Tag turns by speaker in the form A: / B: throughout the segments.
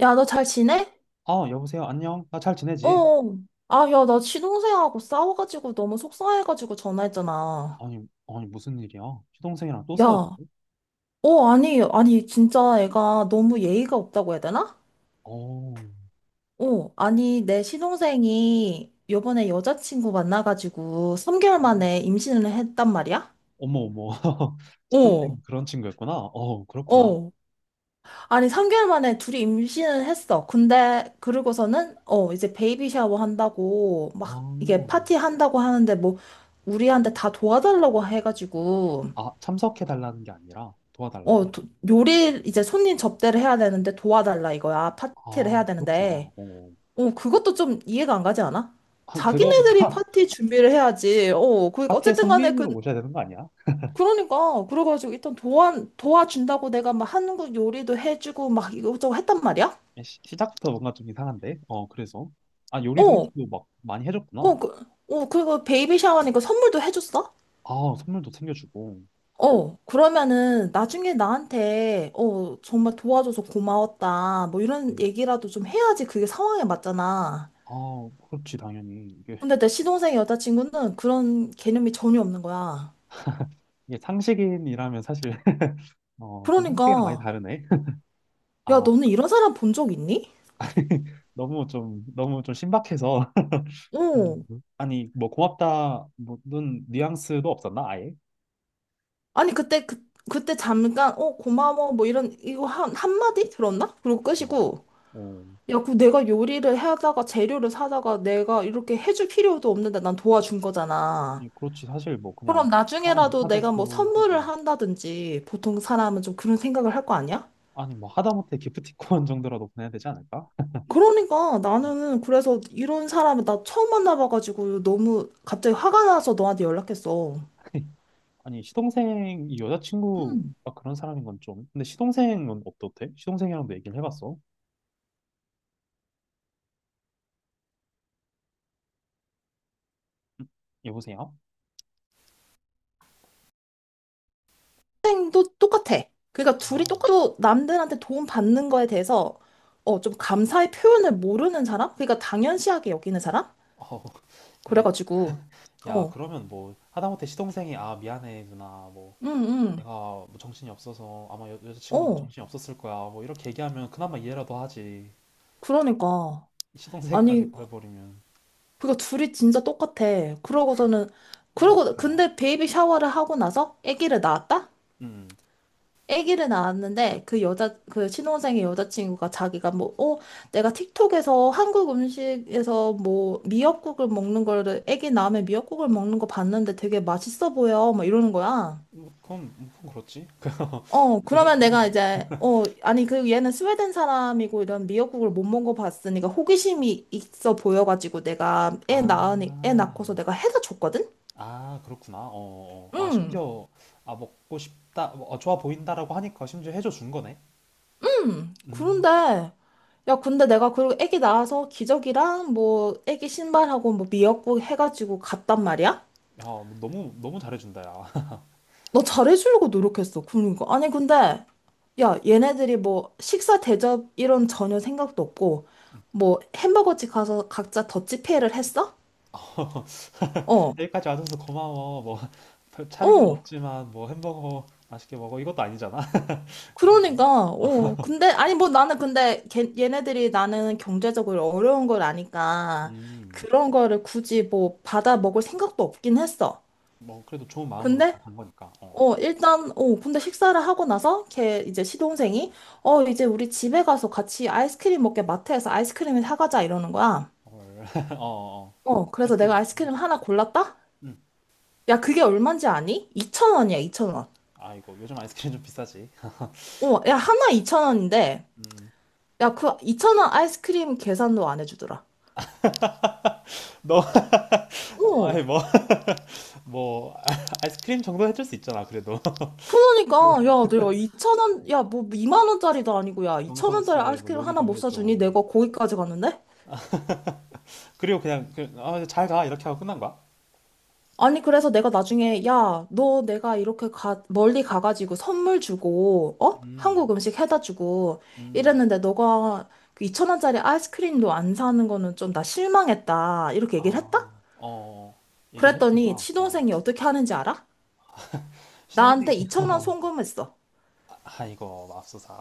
A: 야, 너 잘 지내?
B: 아, 여보세요. 안녕. 나 잘
A: 어.
B: 지내지?
A: 어. 아, 야, 나 시동생하고 싸워가지고 너무 속상해가지고 전화했잖아.
B: 아니, 아니, 무슨 일이야? 시동생이랑 또 싸웠어?
A: 야, 어, 아니, 진짜 애가 너무 예의가 없다고 해야 되나?
B: 어,
A: 어, 아니, 내 시동생이 요번에 여자친구 만나가지고 3개월
B: 아,
A: 만에 임신을 했단 말이야?
B: 어머, 어머.
A: 어,
B: 시동생 그런 친구였구나. 어, 그렇구나.
A: 어. 아니, 3개월 만에 둘이 임신을 했어. 근데, 그러고서는, 어, 이제 베이비 샤워 한다고,
B: 아,
A: 막, 이게 파티 한다고 하는데, 뭐, 우리한테 다 도와달라고 해가지고,
B: 아, 참석해달라는 게 아니라 도와달라고?
A: 어, 도- 요리, 이제 손님 접대를 해야 되는데 도와달라 이거야. 파티를 해야
B: 아, 그렇구나.
A: 되는데,
B: 어,
A: 어, 그것도 좀 이해가 안 가지 않아?
B: 아, 그거부터
A: 자기네들이 파티 준비를 해야지. 어, 그러니까,
B: 파티에
A: 어쨌든 간에, 그,
B: 손님으로 모셔야 되는 거 아니야?
A: 그러니까, 그래가지고, 일단 도와준다고 내가 막 한국 요리도 해주고, 막 이것저것 했단 말이야?
B: 시작부터 뭔가 좀 이상한데? 어, 그래서. 아, 요리도
A: 어,
B: 해주고 막 많이
A: 어,
B: 해줬구나.
A: 그, 어, 그리고 베이비 샤워니까 선물도 해줬어?
B: 아, 선물도 챙겨주고.
A: 어, 그러면은 나중에 나한테, 어, 정말 도와줘서 고마웠다. 뭐 이런
B: 음.
A: 얘기라도 좀 해야지 그게 상황에 맞잖아.
B: 아, 그렇지, 당연히. 이게,
A: 근데 내 시동생 여자친구는 그런 개념이 전혀 없는 거야.
B: 이게 상식인이라면 사실. 어, 좀 상식이랑 많이
A: 그러니까,
B: 다르네.
A: 야,
B: 아,
A: 너는 이런 사람 본 적 있니?
B: 너무 좀, 너무 좀 신박해서. 음.
A: 어.
B: 아니, 뭐, 고맙다, 뭐는 뉘앙스도 없었나, 아예?
A: 아니, 그때 잠깐, 어, 고마워. 뭐 이런, 이거 한마디 들었나? 그리고
B: 야,
A: 끄시고.
B: 어,
A: 야, 그 내가 요리를 하다가 재료를 사다가 내가 이렇게 해줄 필요도 없는데 난 도와준 거잖아.
B: 예, 그렇지. 사실 뭐, 그냥,
A: 그럼
B: 아,
A: 나중에라도
B: 못하겠어
A: 내가 뭐
B: 하고.
A: 선물을 한다든지 보통 사람은 좀 그런 생각을 할 거 아니야?
B: 아니, 뭐, 하다못해 기프티콘 정도라도 보내야 되지 않을까?
A: 그러니까 나는 그래서 이런 사람을 나 처음 만나봐가지고 너무 갑자기 화가 나서 너한테 연락했어. 학
B: 아니, 시동생이 여자친구가 그런 사람인 건 좀. 근데 시동생은 어떻대? 시동생이랑도 얘기를 해봤어? 여보세요?
A: 생도 똑같아. 그러니까
B: 아,
A: 둘이 똑같고 남들한테 도움 받는 거에 대해서 어, 좀 감사의 표현을 모르는 사람? 그러니까 당연시하게 여기는 사람?
B: 어, 이게,
A: 그래가지고
B: 야,
A: 어,
B: 그러면 뭐, 하다못해 시동생이, 아, 미안해, 누나, 뭐,
A: 응, 응,
B: 내가 뭐 정신이 없어서 아마 여자친구도
A: 어.
B: 정신이 없었을 거야. 뭐 이렇게 얘기하면 그나마 이해라도 하지.
A: 그러니까.
B: 시동생까지
A: 아니,
B: 그래버리면
A: 그니까 둘이 진짜 똑같아. 그러고서는,
B: 아, 이거
A: 그러고,
B: 어떡하냐?
A: 근데 베이비 샤워를 하고 나서 아기를 낳았다?
B: 음,
A: 아기를 낳았는데 그 신혼생의 여자친구가 자기가 뭐, 어, 내가 틱톡에서 한국 음식에서 뭐 미역국을 먹는 거를, 아기 낳으면 미역국을 먹는 거 봤는데 되게 맛있어 보여. 막 이러는 거야.
B: 뭐 그건 뭐 그건 그렇지.
A: 어,
B: 그건
A: 그러면 내가
B: 그렇네.
A: 이제, 어, 아니, 그 얘는 스웨덴 사람이고 이런 미역국을 못 먹어봤으니까 호기심이 있어 보여가지고 내가 애
B: 아,
A: 낳고서 내가 해다 줬거든?
B: 아 그렇구나. 어, 어. 아
A: 응,
B: 심지어 아 먹고 싶다, 뭐, 어, 좋아 보인다라고 하니까 심지어 해줘 준 거네.
A: 응.
B: 음,
A: 그런데, 야, 근데 내가 그리고 애기 낳아서 기저귀랑 뭐 애기 신발하고 뭐 미역국 해가지고 갔단 말이야?
B: 야, 뭐 너무 너무 잘해준다, 야.
A: 나 잘해주려고 노력했어. 그러니까. 아니, 근데, 야, 얘네들이 뭐 식사 대접 이런 전혀 생각도 없고, 뭐 햄버거집 가서 각자 더치페이를 했어? 어.
B: 여기까지 와줘서 고마워. 뭐 별 차린 건
A: 어,
B: 없지만 뭐 햄버거 맛있게 먹어 이것도 아니잖아. 그렇네.
A: 그러니까,
B: 아,
A: 어, 근데, 아니, 뭐 나는 근데, 걔, 얘네들이 나는 경제적으로 어려운 걸 아니까,
B: 음.
A: 그런 거를 굳이 뭐 받아 먹을 생각도 없긴 했어.
B: 뭐 그래도 좋은 마음으로
A: 근데,
B: 딱 간 거니까. 어.
A: 어, 일단, 어, 근데 식사를 하고 나서, 걔, 이제 시동생이, 어, 이제 우리 집에 가서 같이 아이스크림 먹게 마트에서 아이스크림을 사가자, 이러는 거야.
B: 헐. 어, 어.
A: 어, 그래서 내가
B: 아이스크림 먹을
A: 아이스크림
B: 수
A: 하나
B: 있지.
A: 골랐다?
B: 응.
A: 야, 그게 얼만지 아니? 2천원이야2천원
B: 아, 이거 요즘 아이스크림 좀 비싸지.
A: 어, 야, 하나 2천원인데
B: 음.
A: 야, 그2천원 아이스크림 계산도 안 해주더라.
B: 너
A: 어.
B: 아니 뭐 뭐 아이스크림 정도 해줄 수 있잖아, 그래도.
A: 그러니까, 야, 내가 2천 원, 야, 뭐 2만 원짜리도 아니고, 야, 2,000원짜리
B: 정성스레 뭐
A: 아이스크림 하나
B: 요리도
A: 못
B: 해줘.
A: 사주니 내가 거기까지 갔는데?
B: 그리고 그냥 그, 아, 잘 가. 이렇게 하고 끝난 거야?
A: 아니, 그래서 내가 나중에, 야, 너 내가 이렇게 가, 멀리 가가지고 선물 주고, 어?
B: 음.
A: 한국 음식 해다 주고
B: 음.
A: 이랬는데, 너가 2천 원짜리 아이스크림도 안 사는 거는 좀 나 실망했다. 이렇게
B: 아.
A: 얘기를 했다?
B: 어. 어. 얘기를 했구나.
A: 그랬더니,
B: 어.
A: 시동생이 어떻게 하는지 알아?
B: 시성생이
A: 나한테 2천 원
B: 어.
A: 송금했어.
B: 아, 이거 맙소사.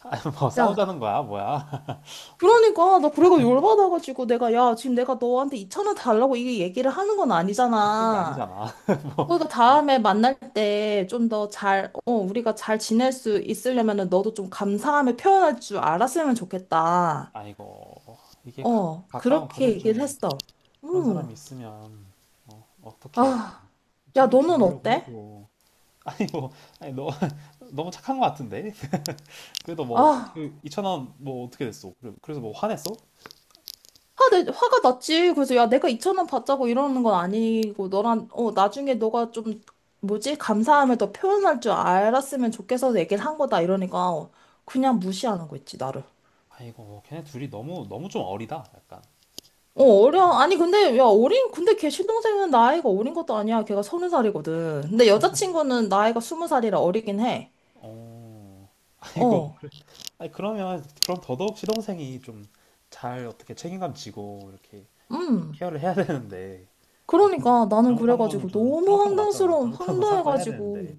B: 아, 뭐
A: 야,
B: 싸우자는 거야, 뭐야? 어,
A: 그러니까 나 그래가 열받아가지고 내가 야 지금 내가 너한테 2천 원 달라고 이게 얘기를 하는 건
B: 그런 게
A: 아니잖아.
B: 아니잖아. 뭐
A: 그러니까 다음에 만날 때 좀 더 잘, 어, 우리가 잘 지낼 수 있으려면은 너도 좀 감사함을 표현할 줄 알았으면 좋겠다.
B: 아이고, 이게 가,
A: 어,
B: 가까운
A: 그렇게
B: 가족
A: 얘기를
B: 중에
A: 했어.
B: 그런
A: 음.
B: 사람이 있으면 어, 어떻게
A: 아, 야 너는
B: 챙겨주려고
A: 어때?
B: 해도 아니 뭐 아니 너 너무 착한 것 같은데 그래도
A: 아.
B: 뭐그 2천 원 뭐 어떻게 됐어? 그래- 그래서 뭐 화냈어?
A: 화가 났지. 그래서 야, 내가 2천 원 받자고 이러는 건 아니고 너랑 어 나중에 너가 좀 뭐지? 감사함을 더 표현할 줄 알았으면 좋겠어서 얘기를 한 거다 이러니까 어, 그냥 무시하는 거 있지 나를.
B: 아이고, 걔네 둘이 너무 너무 좀 어리다. 약간
A: 어
B: 어떡-
A: 어려. 아니 근데 야 어린 근데 걔 신동생은 나이가 어린 것도 아니야. 걔가 서른 살이거든. 근데 여자친구는 나이가 스무 살이라 어리긴 해.
B: 어, 아이고,
A: 어.
B: 아니 그러면 그럼 더더욱 시동생이 좀 잘 어떻게 책임감 지고 이렇게 좀
A: 음.
B: 케어를 해야 되는데 어,
A: 그러니까 나는
B: 잘못한 거는
A: 그래가지고
B: 좀
A: 너무
B: 잘못한 거 맞잖아.
A: 황당스러운
B: 잘못한 건 사과해야
A: 황당해가지고
B: 되는데.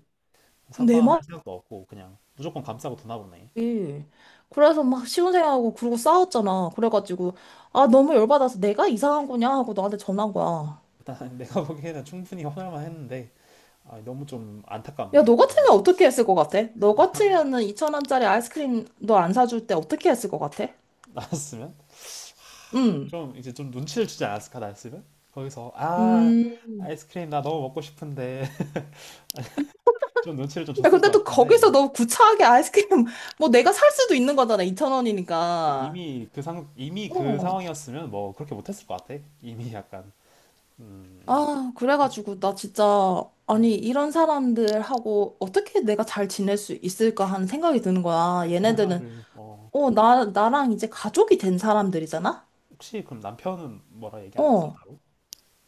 A: 그내 말.
B: 사과할 생각도 없고 그냥 무조건 감싸고 두나 보네.
A: 그치. 그래서 막 시운생하고 그러고 싸웠잖아. 그래가지고 아 너무 열받아서 내가 이상한 거냐 하고 너한테 전화한 거야.
B: 일단 내가 보기에는 충분히 화날만 했는데 아, 너무 좀
A: 야,
B: 안타깝네.
A: 너 같으면
B: 거기
A: 어떻게 했을 것 같아? 너 같으면은 2천원짜리 아이스크림 너 안 사줄 때 어떻게 했을 것 같아?
B: 나왔으면
A: 응.
B: 좀 이제 좀 눈치를 주지 않았을까 나왔으면 거기서 아
A: 음.
B: 아이스크림 나 너무 먹고 싶은데 좀 눈치를 좀
A: 야,
B: 줬을 것
A: 근데 또 거기서
B: 같은데
A: 너무 구차하게 아이스크림 뭐 내가 살 수도 있는 거잖아. 2천원이니까.
B: 이미 그 상, 이미 그
A: 어.
B: 상황이었으면 뭐 그렇게 못했을 것 같아. 이미 약간 음,
A: 아, 그래가지고 나 진짜
B: 음,
A: 아니 이런 사람들하고 어떻게 내가 잘 지낼 수 있을까 하는 생각이 드는 거야.
B: 섹
A: 얘네들은
B: 생활을 어
A: 어, 나랑 이제 가족이 된 사람들이잖아?
B: 혹시 그럼 남편은 뭐라 얘기 안 했어
A: 어.
B: 따로?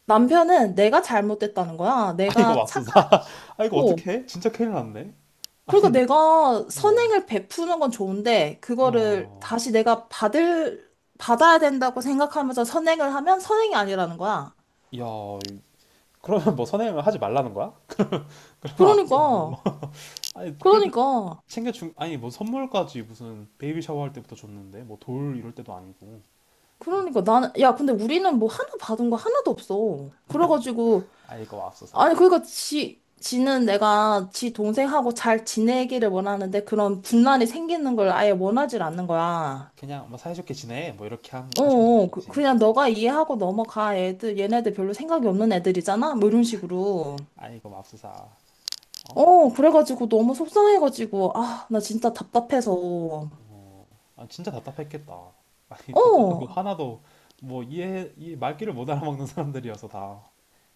A: 남편은 내가 잘못됐다는 거야.
B: 아 이거
A: 내가
B: 맙소사. 아 이거
A: 착하고.
B: 어떡해? 진짜 큰일 났네.
A: 그러니까 내가
B: 어.
A: 선행을 베푸는 건 좋은데, 그거를
B: 야,
A: 다시 내가 받을, 받아야 된다고 생각하면서 선행을 하면 선행이 아니라는 거야.
B: 야, 그러면 뭐 선행을 하지 말라는 거야? 앞으로 뭐.
A: 그러니까,
B: 아니, 그래도
A: 그러니까,
B: 챙겨준, 아니, 뭐 선물까지 무슨 베이비 샤워할 때부터 줬는데, 뭐 돌 이럴 때도 아니고,
A: 그러니까 나는, 야, 근데 우리는 뭐 하나 받은 거 하나도 없어. 그래가지고,
B: 아이고, 맙소사.
A: 아니, 그러니까 지는 내가 지 동생하고 잘 지내기를 원하는데 그런 분란이 생기는 걸 아예 원하질 않는 거야.
B: 그냥 뭐 사이좋게 지내, 뭐 이렇게 한,
A: 어,
B: 하신
A: 어,
B: 거지.
A: 그냥 너가 이해하고 넘어가. 얘네들 별로 생각이 없는 애들이잖아? 뭐 이런 식으로.
B: 아이고, 맙소사. 어?
A: 어, 그래가지고 너무 속상해가지고, 아, 나 진짜 답답해서.
B: 어, 아, 진짜 답답했겠다. 아니, 답답하고
A: 어,
B: 화나도 뭐 이해, 이 말귀를 못 알아먹는 사람들이어서 다.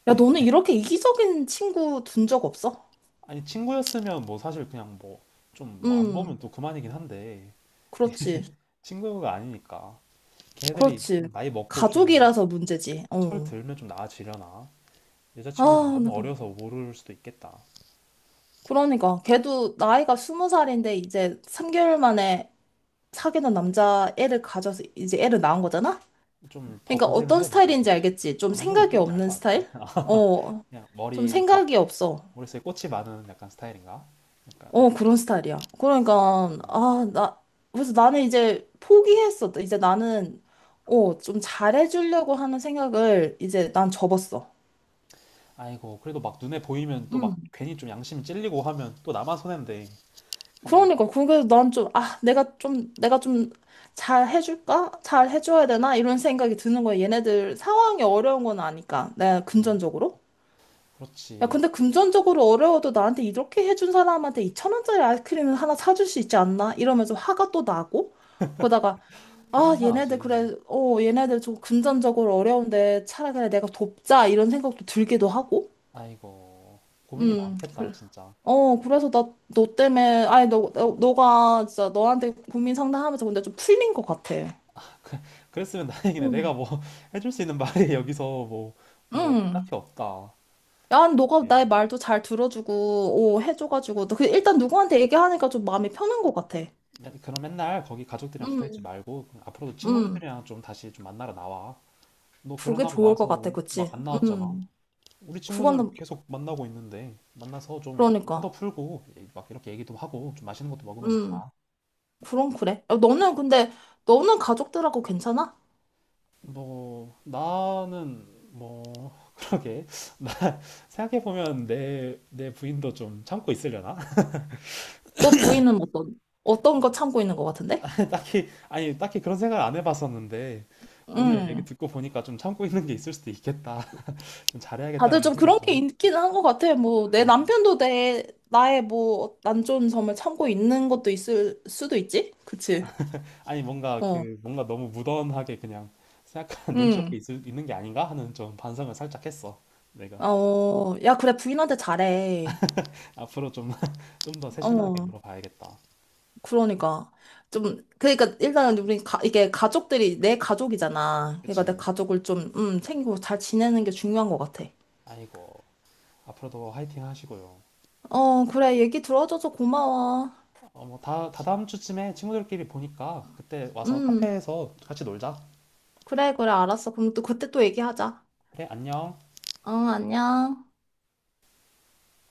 A: 야, 너는 이렇게 이기적인 친구 둔 적 없어?
B: 아니, 친구였으면 뭐 사실 그냥 뭐, 좀 뭐 안 보면
A: 음,
B: 또 그만이긴 한데,
A: 그렇지.
B: 친구가 아니니까. 걔들이
A: 그렇지.
B: 좀 나이 먹고 좀
A: 가족이라서 문제지.
B: 철
A: 어.
B: 들면 좀 나아지려나? 여자친구가
A: 아,
B: 너무
A: 나.
B: 어려서 모를 수도 있겠다.
A: 그러니까 걔도 나이가 20살인데 이제 3개월 만에 사귀는 남자 애를 가져서 이제 애를 낳은 거잖아?
B: 좀 더
A: 그러니까
B: 고생을
A: 어떤
B: 해보고,
A: 스타일인지
B: 그치?
A: 알겠지? 좀
B: 아, 무슨
A: 생각이
B: 느낌인지 알
A: 없는
B: 것 같아.
A: 스타일? 어,
B: 그냥
A: 좀
B: 머릿속,
A: 생각이 없어.
B: 머릿속에 꽃이 많은 약간 스타일인가? 약간,
A: 어, 그런 스타일이야. 그러니까
B: 어.
A: 아, 나. 그래서 나는 이제 포기했어. 이제 나는 어, 좀 잘해주려고 하는 생각을 이제 난 접었어.
B: 아이고, 그래도 막 눈에 보이면 또 막 괜히 좀 양심이 찔리고 하면 또 나만 손해인데, 그게,
A: 그러니까 그서난 좀, 아, 내가 좀 잘 해줄까? 잘 해줘야 되나? 이런 생각이 드는 거야. 얘네들 상황이 어려운 건 아니까. 내가 금전적으로. 야,
B: 그렇지.
A: 근데 금전적으로 어려워도 나한테 이렇게 해준 사람한테 2천 원짜리 아이스크림을 하나 사줄 수 있지 않나? 이러면서 화가 또 나고. 그러다가, 아,
B: 당연히
A: 얘네들
B: 화나지.
A: 그래, 어, 얘네들 좀 금전적으로 어려운데 차라리 그냥 내가 돕자. 이런 생각도 들기도 하고.
B: 아이고, 고민이 많겠다,
A: 그래.
B: 진짜.
A: 어, 그래서 나, 너 때문에, 아니, 너가 진짜 너한테 고민 상담하면서 근데 좀 풀린 것 같아.
B: 그, 그랬으면 다행이네. 내가 뭐 해줄 수 있는 말이 여기서 뭐, 뭐
A: 응.
B: 딱히 없다.
A: 야, 너가
B: 예.
A: 나의 말도 잘 들어주고, 오, 해줘가지고, 그 일단 누구한테 얘기하니까 좀 마음이 편한 것 같아.
B: 야, 그럼 맨날 거기 가족들이랑 붙어있지
A: 응,
B: 말고 앞으로도
A: 응.
B: 친구들이랑 좀 다시 좀 만나러 나와. 너
A: 그게
B: 결혼하고
A: 좋을 것 같아,
B: 나서 막
A: 그치?
B: 안 나왔잖아.
A: 응.
B: 우리 친구들
A: 그거는,
B: 계속 만나고 있는데 만나서 좀
A: 그러니까.
B: 화도 풀고 막 이렇게 얘기도 하고 좀 맛있는 것도 먹으면서
A: 응.
B: 가.
A: 그럼 그래. 야, 너는 근데, 너는 가족들하고 괜찮아?
B: 뭐 나는 뭐 그러게 나 생각해보면 내 부인도 좀 참고 있으려나?
A: 너 부인은 어떤, 어떤 거 참고 있는 것 같은데?
B: 딱히 아니 딱히 그런 생각 안 해봤었는데 오늘 얘기
A: 응.
B: 듣고 보니까 좀 참고 있는 게 있을 수도 있겠다. 좀
A: 다들
B: 잘해야겠다라는
A: 좀
B: 생각이
A: 그런 게
B: 좀.
A: 있기는 한 것 같아. 뭐, 내
B: 아,
A: 남편도 나의 뭐, 안 좋은 점을 참고 있는 것도 있을 수도 있지? 그치?
B: 아니 뭔가
A: 어.
B: 그 뭔가 너무 무던하게 그냥 생각하는 눈치 없게
A: 응.
B: 있을, 있는 게 아닌가 하는 좀 반성을 살짝 했어. 내가
A: 어, 야, 그래, 부인한테 잘해.
B: 앞으로 좀 좀 더 세심하게
A: 어,
B: 물어봐야겠다.
A: 그러니까. 좀, 그러니까, 일단은 이게 가족들이 내 가족이잖아. 그러니까 내
B: 그치?
A: 가족을 좀, 챙기고 잘 지내는 게 중요한 것 같아.
B: 아이고 앞으로도 화이팅 하시고요.
A: 어, 그래, 얘기 들어줘서 고마워.
B: 어뭐다 다다음 주쯤에 친구들끼리 보니까 그때 와서
A: 음,
B: 카페에서 같이 놀자.
A: 그래, 그래, 알았어. 그럼 또 그때 또 얘기하자.
B: 그래 안녕.
A: 어, 안녕.